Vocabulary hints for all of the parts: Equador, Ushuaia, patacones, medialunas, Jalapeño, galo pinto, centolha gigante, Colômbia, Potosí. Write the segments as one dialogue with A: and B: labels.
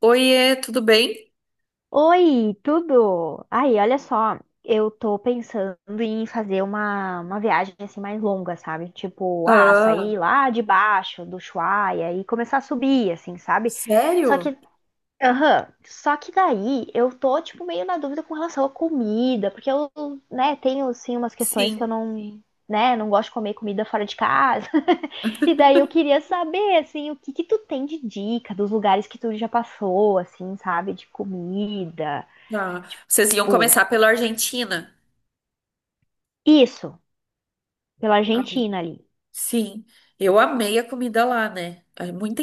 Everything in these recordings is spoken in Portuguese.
A: Oiê, tudo bem?
B: Oi, tudo? Aí, olha só, eu tô pensando em fazer uma viagem assim mais longa, sabe? Tipo,
A: Ah,
B: sair lá de baixo do Ushuaia e começar a subir, assim, sabe? Só
A: sério?
B: que, aham, só que daí eu tô, tipo, meio na dúvida com relação à comida, porque eu, né, tenho, assim, umas questões que eu
A: Sim.
B: não, né, não gosto de comer comida fora de casa. E daí eu queria saber, assim, o que que tu tem de dica dos lugares que tu já passou, assim, sabe? De comida.
A: Ah, vocês iam
B: Tipo,
A: começar pela Argentina?
B: isso, pela
A: Ai,
B: Argentina ali.
A: sim. Eu amei a comida lá, né? É muita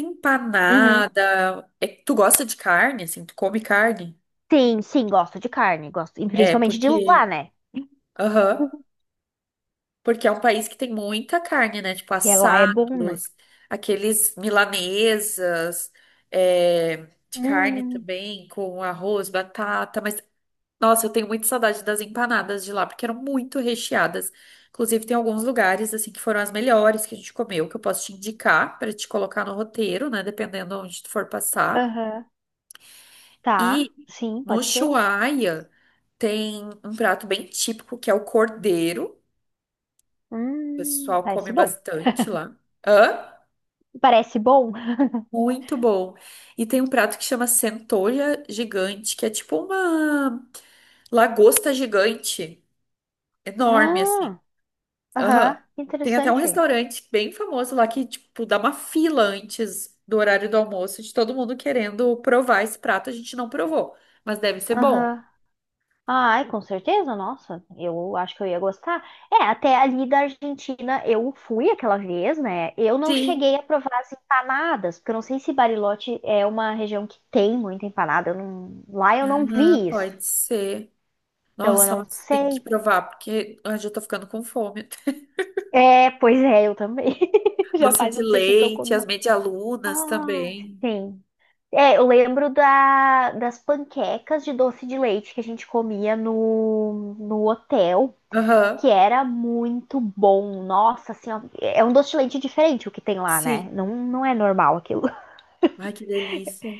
B: Uhum.
A: empanada. É, tu gosta de carne, assim? Tu come carne?
B: Sim, sim, gosto de carne, gosto, e
A: É,
B: principalmente de lá,
A: porque...
B: né?
A: Aham. Porque é um país que tem muita carne, né? Tipo,
B: Que é lá é bom, né?
A: assados, aqueles milanesas, é, de carne
B: Hum,
A: também, com arroz, batata, mas... Nossa, eu tenho muita saudade das empanadas de lá, porque eram muito recheadas. Inclusive, tem alguns lugares, assim, que foram as melhores que a gente comeu, que eu posso te indicar para te colocar no roteiro, né? Dependendo onde tu for passar.
B: aham. Tá,
A: E
B: sim,
A: no
B: pode ser.
A: Ushuaia tem um prato bem típico, que é o cordeiro. O pessoal come
B: Parece bom.
A: bastante lá. Hã?
B: Parece bom?
A: Muito bom. E tem um prato que chama centolha gigante, que é tipo uma lagosta gigante, enorme, assim.
B: ah,
A: Aham.
B: Aham,
A: Tem até um
B: interessante.
A: restaurante bem famoso lá que, tipo, dá uma fila antes do horário do almoço de todo mundo querendo provar esse prato. A gente não provou, mas deve ser bom.
B: Aham. Ai, com certeza, nossa, eu acho que eu ia gostar. É, até ali da Argentina eu fui aquela vez, né? Eu não
A: Sim.
B: cheguei a provar as empanadas, porque eu não sei se Bariloche é uma região que tem muita empanada. Eu não- Lá eu não
A: Ah,
B: vi isso,
A: pode ser.
B: então eu
A: Nossa,
B: não
A: mas tem que
B: sei.
A: provar, porque eu já tô ficando com fome.
B: É, pois é, eu também. Já
A: Doce
B: faz
A: de
B: um tempinho que eu
A: leite, as
B: comi.
A: medialunas
B: Ai,
A: também.
B: sim. É, eu lembro das panquecas de doce de leite que a gente comia no hotel,
A: Aham.
B: que era muito bom. Nossa senhora, é um doce de leite diferente o que tem lá, né?
A: Sim.
B: Não, não é normal aquilo.
A: Ai, que delícia.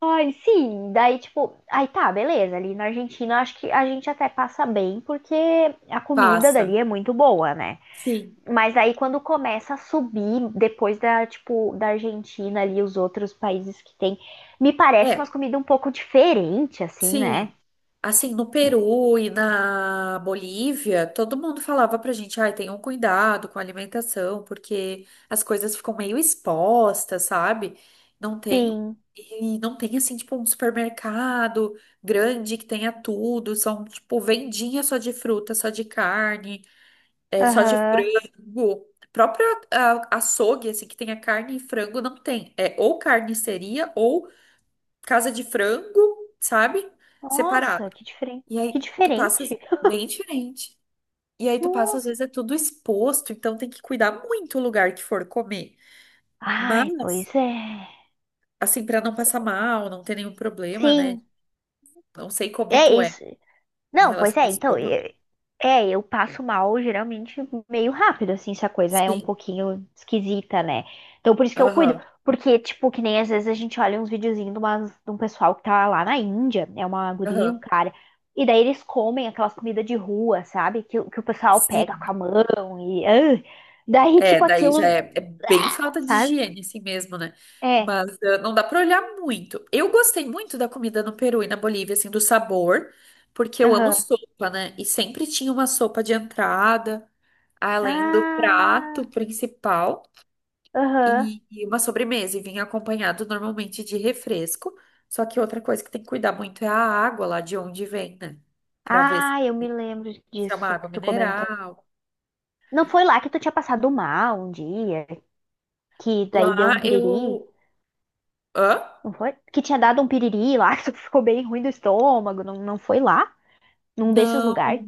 B: Ai, sim, daí tipo, aí tá, beleza, ali na Argentina acho que a gente até passa bem porque a comida
A: Passa.
B: dali é muito boa, né?
A: Sim.
B: Mas aí quando começa a subir depois da, tipo, da Argentina ali os outros países que tem, me parece umas
A: É.
B: comidas um pouco diferente assim, né?
A: Sim, assim, no Peru e na Bolívia, todo mundo falava pra gente, ai, tenham cuidado com a alimentação, porque as coisas ficam meio expostas, sabe? Não tem,
B: Sim.
A: e não tem, assim, tipo, um supermercado grande que tenha tudo, são, tipo, vendinha só de fruta, só de carne, é, só de
B: Aham.
A: frango. Próprio açougue, assim, que tenha carne e frango, não tem. É ou carniceria ou casa de frango, sabe? Separado.
B: Nossa, que diferente.
A: E
B: Que
A: aí tu passa
B: diferente.
A: bem diferente. E aí tu passa, às
B: Nossa.
A: vezes, é tudo exposto, então tem que cuidar muito o lugar que for comer.
B: Ai,
A: Mas,
B: pois é.
A: assim, pra não passar mal, não ter nenhum problema, né?
B: Sim,
A: Não sei como
B: é
A: tu é
B: isso.
A: em
B: Não, pois
A: relação ao
B: é, então,
A: estômago.
B: eu, eu passo mal geralmente meio rápido, assim, se a coisa é um
A: Sim,
B: pouquinho esquisita, né? Então, por isso que eu cuido.
A: aham,
B: Porque, tipo, que nem às vezes a gente olha uns videozinhos de um pessoal que tá lá na Índia, é uma guria, e um
A: aham.
B: cara, e daí eles comem aquelas comidas de rua, sabe? Que o pessoal pega
A: Sim,
B: com a mão e. Daí,
A: é,
B: tipo,
A: daí já
B: aquilo.
A: é, é bem falta de
B: Sabe?
A: higiene, assim mesmo, né?
B: É,
A: Mas não dá pra olhar muito. Eu gostei muito da comida no Peru e na Bolívia, assim, do sabor, porque eu amo
B: aham.
A: sopa, né? E sempre tinha uma sopa de entrada, além do
B: Ah,
A: prato principal
B: aham.
A: e, uma sobremesa, e vinha acompanhado normalmente de refresco. Só que outra coisa que tem que cuidar muito é a água lá de onde vem, né? Pra ver se
B: Ah, eu me lembro
A: é uma
B: disso
A: água
B: que tu comentou.
A: mineral.
B: Não foi lá que tu tinha passado mal um dia, que daí deu
A: Lá
B: um piriri?
A: eu... Hã?
B: Não foi? Que tinha dado um piriri lá, que tu ficou bem ruim do estômago. Não, não foi lá? Num desses
A: Não,
B: lugares?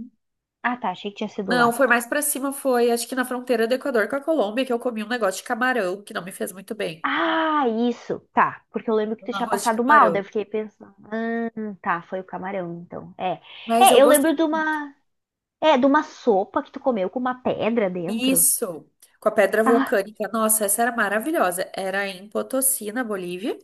B: Ah, tá. Achei que tinha sido
A: não,
B: lá.
A: foi mais pra cima, foi acho que na fronteira do Equador com a Colômbia que eu comi um negócio de camarão que não me fez muito bem.
B: Ah, isso. Tá. Porque eu lembro que
A: Um
B: tu tinha
A: arroz de
B: passado mal. Daí
A: camarão.
B: eu fiquei pensando. Tá. Foi o camarão, então. É.
A: Mas
B: É,
A: eu
B: eu
A: gostei
B: lembro de
A: muito.
B: uma. É, de uma sopa que tu comeu com uma pedra dentro.
A: Isso, com a pedra
B: Ah,
A: vulcânica. Nossa, essa era maravilhosa. Era em Potosí, na Bolívia.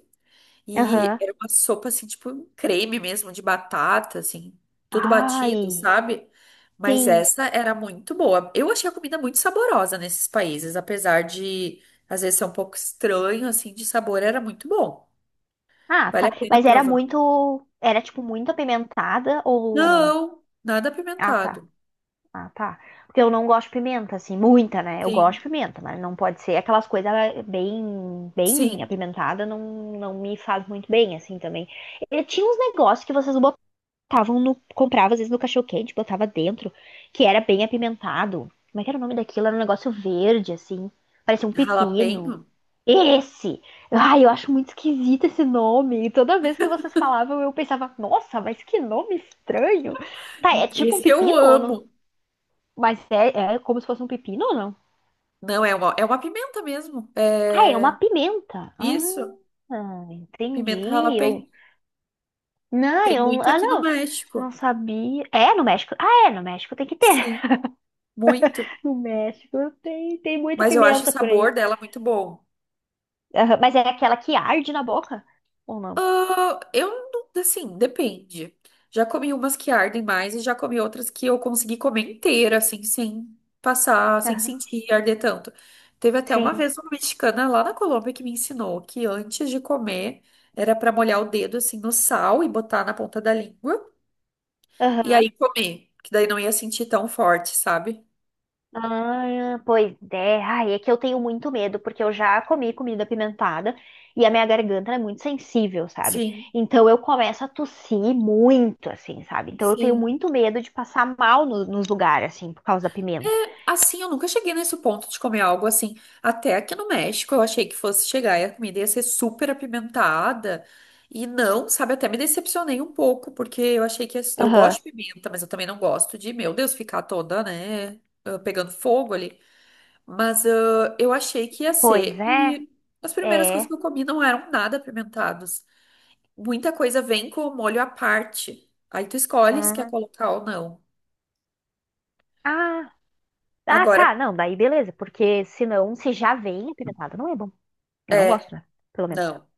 A: E
B: aham.
A: era uma sopa, assim, tipo um creme mesmo, de batata, assim, tudo batido,
B: Ai.
A: sabe? Mas
B: Sim.
A: essa era muito boa. Eu achei a comida muito saborosa nesses países, apesar de às vezes ser um pouco estranho, assim, de sabor, era muito bom.
B: Ah,
A: Vale
B: tá.
A: a pena
B: Mas era
A: provar.
B: muito. Era, tipo, muito apimentada ou não?
A: Não, nada
B: Ah, tá.
A: apimentado.
B: Ah, tá. Porque eu não gosto de pimenta, assim, muita, né? Eu gosto de
A: Sim,
B: pimenta, mas não pode ser aquelas coisas bem, bem
A: sim.
B: apimentada, não, não me faz muito bem, assim, também. E tinha uns negócios que vocês botavam no. Comprava, às vezes, no cachorro-quente, botava dentro, que era bem apimentado. Como é que era o nome daquilo? Era um negócio verde, assim. Parecia um
A: Jalapeño?
B: pepino. Esse! Ai, eu acho muito esquisito esse nome. E toda vez que vocês falavam, eu pensava, nossa, mas que nome estranho. Tá, é tipo um
A: Esse eu
B: pepino ou não?
A: amo.
B: Mas é como se fosse um pepino ou não?
A: Não, é uma pimenta mesmo.
B: Ah, é uma
A: É
B: pimenta.
A: isso,
B: Ah,
A: pimenta
B: entendi.
A: jalapeño.
B: Eu. Não,
A: Tem
B: eu.
A: muito
B: Ah,
A: aqui no
B: não.
A: México.
B: Não sabia. É, no México. Ah, é, no México tem que ter.
A: Sim, muito.
B: No México tem, muita
A: Mas eu acho o
B: pimenta por aí.
A: sabor dela muito bom.
B: Aham, mas é aquela que arde na boca? Ou não?
A: Ah, eu, assim, depende. Já comi umas que ardem mais e já comi outras que eu consegui comer inteira, assim, sem passar, sem
B: Aham,
A: sentir arder tanto. Teve até uma
B: sim.
A: vez uma mexicana lá na Colômbia que me ensinou que antes de comer era pra molhar o dedo, assim, no sal e botar na ponta da língua e
B: Aham.
A: aí comer, que daí não ia sentir tão forte, sabe?
B: Ah, pois é. Ai, é que eu tenho muito medo, porque eu já comi comida apimentada e a minha garganta é muito sensível, sabe?
A: Sim,
B: Então eu começo a tossir muito, assim, sabe? Então eu tenho
A: sim.
B: muito medo de passar mal nos lugares, assim, por causa da pimenta.
A: Assim, eu nunca cheguei nesse ponto de comer algo assim. Até aqui no México, eu achei que fosse chegar e a comida ia ser super apimentada. E não, sabe? Até me decepcionei um pouco, porque eu achei que eu
B: Aham.
A: gosto de pimenta, mas eu também não gosto de, meu Deus, ficar toda, né? Pegando fogo ali. Mas eu achei que ia
B: Pois
A: ser.
B: é,
A: E as primeiras coisas
B: é.
A: que eu comi não eram nada apimentadas. Muita coisa vem com o molho à parte. Aí tu escolhe se quer
B: Hum.
A: colocar ou não.
B: Ah, ah,
A: Agora,
B: tá. Não, daí beleza, porque senão, se já vem apimentada, não é bom. Eu não
A: é,
B: gosto, né? Pelo menos.
A: não.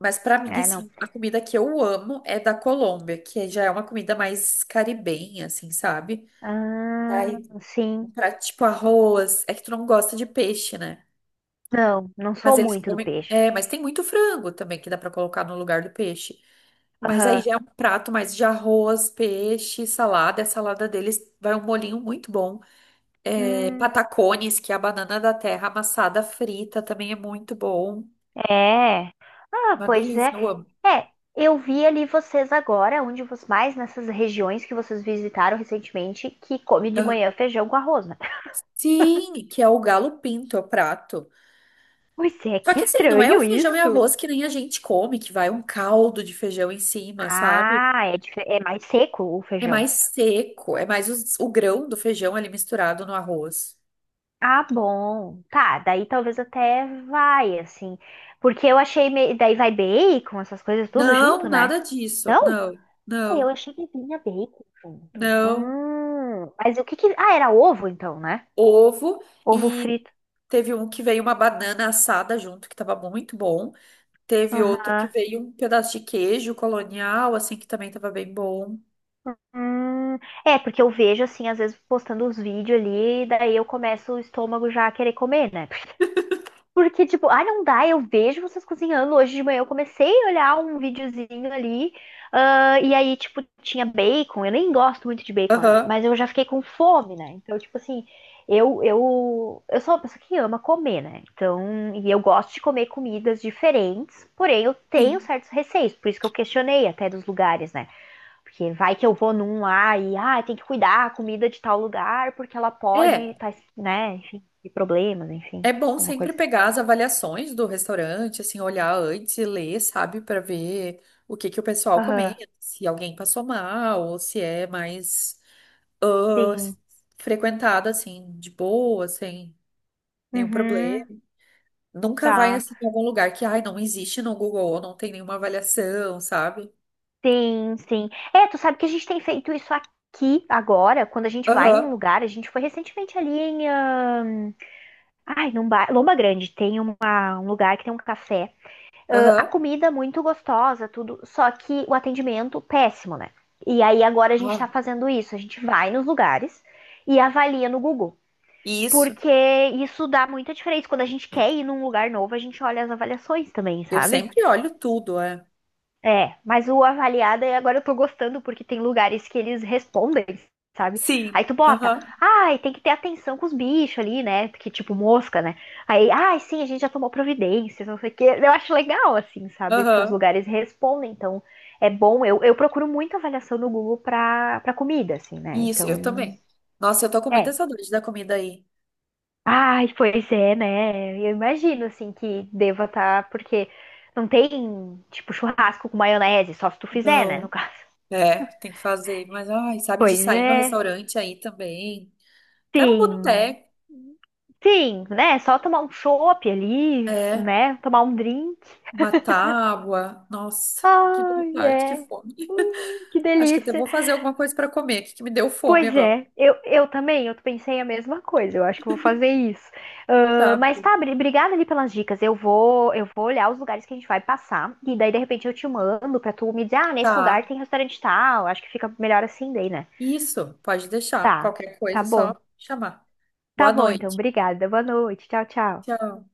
A: Mas pra mim,
B: É, não.
A: assim, a comida que eu amo é da Colômbia, que já é uma comida mais caribenha, assim, sabe?
B: Ah,
A: Aí, um
B: sim.
A: prato tipo arroz. É que tu não gosta de peixe, né?
B: Não, não
A: Mas
B: sou
A: eles
B: muito do
A: comem.
B: peixe.
A: É, mas tem muito frango também que dá pra colocar no lugar do peixe. Mas aí
B: Aham.
A: já é um prato mais de arroz, peixe, salada. E a salada deles vai um molinho muito bom. É,
B: Hum,
A: patacones, que é a banana da terra amassada frita, também é muito bom.
B: é. Ah,
A: Uma
B: pois
A: delícia,
B: é.
A: eu amo.
B: É, eu vi ali vocês agora, onde vocês mais nessas regiões que vocês visitaram recentemente, que come de
A: Aham.
B: manhã feijão com arroz, né?
A: Sim, que é o galo pinto, é o prato.
B: Pois é,
A: Só
B: que
A: que assim, não é o
B: estranho
A: feijão e
B: isso.
A: arroz que nem a gente come, que vai um caldo de feijão em cima, sabe?
B: Ah, é, é mais seco o
A: É
B: feijão.
A: mais seco, é mais o grão do feijão ali misturado no arroz.
B: Ah, bom. Tá, daí talvez até vai, assim. Porque eu achei. Daí vai bacon, essas coisas tudo
A: Não,
B: junto, né?
A: nada disso.
B: Não?
A: Não, não,
B: Eu achei que vinha bacon junto.
A: não.
B: Mas o que que. Ah, era ovo então, né?
A: Ovo
B: Ovo
A: e
B: frito.
A: teve um que veio uma banana assada junto, que tava muito bom. Teve outro que
B: Aham.
A: veio um pedaço de queijo colonial, assim, que também tava bem bom.
B: Hum, é, porque eu vejo, assim, às vezes postando os vídeos ali, e daí eu começo o estômago já a querer comer, né? Porque, tipo, não dá, eu vejo vocês cozinhando. Hoje de manhã eu comecei a olhar um videozinho ali, e aí, tipo, tinha bacon. Eu nem gosto muito de bacon, né?
A: Aham.
B: Mas eu já fiquei com fome, né? Então, tipo assim, eu sou uma pessoa que ama comer, né? Então, e eu gosto de comer comidas diferentes, porém eu tenho
A: Sim.
B: certos receios, por isso que eu questionei até dos lugares, né? Porque vai que eu vou num lá e, tem que cuidar a comida de tal lugar, porque ela pode
A: É,
B: estar né, enfim, de problemas, enfim,
A: é bom
B: alguma
A: sempre
B: coisa.
A: pegar as avaliações do restaurante, assim, olhar antes e ler, sabe, para ver o que que o pessoal
B: Aham,
A: comenta, se alguém passou mal ou se é mais ah,
B: sim.
A: frequentada, assim, de boa, sem nenhum problema.
B: Uhum,
A: Nunca vai,
B: tá.
A: assim, em algum lugar que, ai, não existe no Google, ou não tem nenhuma avaliação, sabe?
B: Sim, sim. É, tu sabe que a gente tem feito isso aqui agora, quando a gente vai num
A: Aham,
B: lugar, a gente foi recentemente ali em, ai, num bar, Lomba Grande, tem um lugar que tem um café. A
A: aham,
B: comida muito gostosa, tudo, só que o atendimento péssimo, né? E aí agora a gente
A: ah,
B: tá fazendo isso, a gente vai nos lugares e avalia no Google,
A: isso.
B: porque isso dá muita diferença. Quando a gente quer ir num lugar novo, a gente olha as avaliações também,
A: Eu
B: sabe?
A: sempre olho tudo, é.
B: É, mas o avaliada, e agora eu tô gostando, porque tem lugares que eles respondem, sabe? Aí
A: Sim,
B: tu bota,
A: aham,
B: ai, tem que ter atenção com os bichos ali, né? Que tipo mosca, né? Aí, ai, sim, a gente já tomou providências, não sei o quê. Eu acho legal, assim, sabe? Que os
A: aham,
B: lugares respondem, então é bom. Eu procuro muito avaliação no Google pra comida, assim, né?
A: isso, eu
B: Então,
A: também. Nossa, eu tô com muita
B: é.
A: saudade da comida aí.
B: Ai, pois é, né? Eu imagino, assim, que deva estar, porque não tem, tipo, churrasco com maionese, só se tu fizer, né? No
A: Não,
B: caso.
A: é, tem que fazer. Mas, ai, sabe, de
B: Pois
A: sair no
B: é,
A: restaurante aí também. Até no
B: sim,
A: boteco.
B: sim, né? Só tomar um chopp ali,
A: É,
B: né? Tomar um drink.
A: uma tábua. Nossa, que
B: Ai,
A: vontade, que
B: é.
A: fome.
B: Que
A: Acho que até
B: delícia.
A: vou fazer alguma coisa para comer, que me deu fome
B: Pois
A: agora.
B: é, eu também, eu pensei a mesma coisa. Eu acho que eu vou fazer isso.
A: Tá,
B: Ah, mas
A: bom.
B: tá, obrigada ali pelas dicas. Eu vou olhar os lugares que a gente vai passar e daí de repente eu te mando pra tu me dizer, nesse lugar
A: Tá.
B: tem restaurante tal. Acho que fica melhor assim daí, né?
A: Isso, pode deixar.
B: Tá,
A: Qualquer coisa,
B: tá
A: é só
B: bom.
A: chamar.
B: Tá
A: Boa
B: bom, então.
A: noite.
B: Obrigada. Boa noite. Tchau, tchau.
A: Tchau.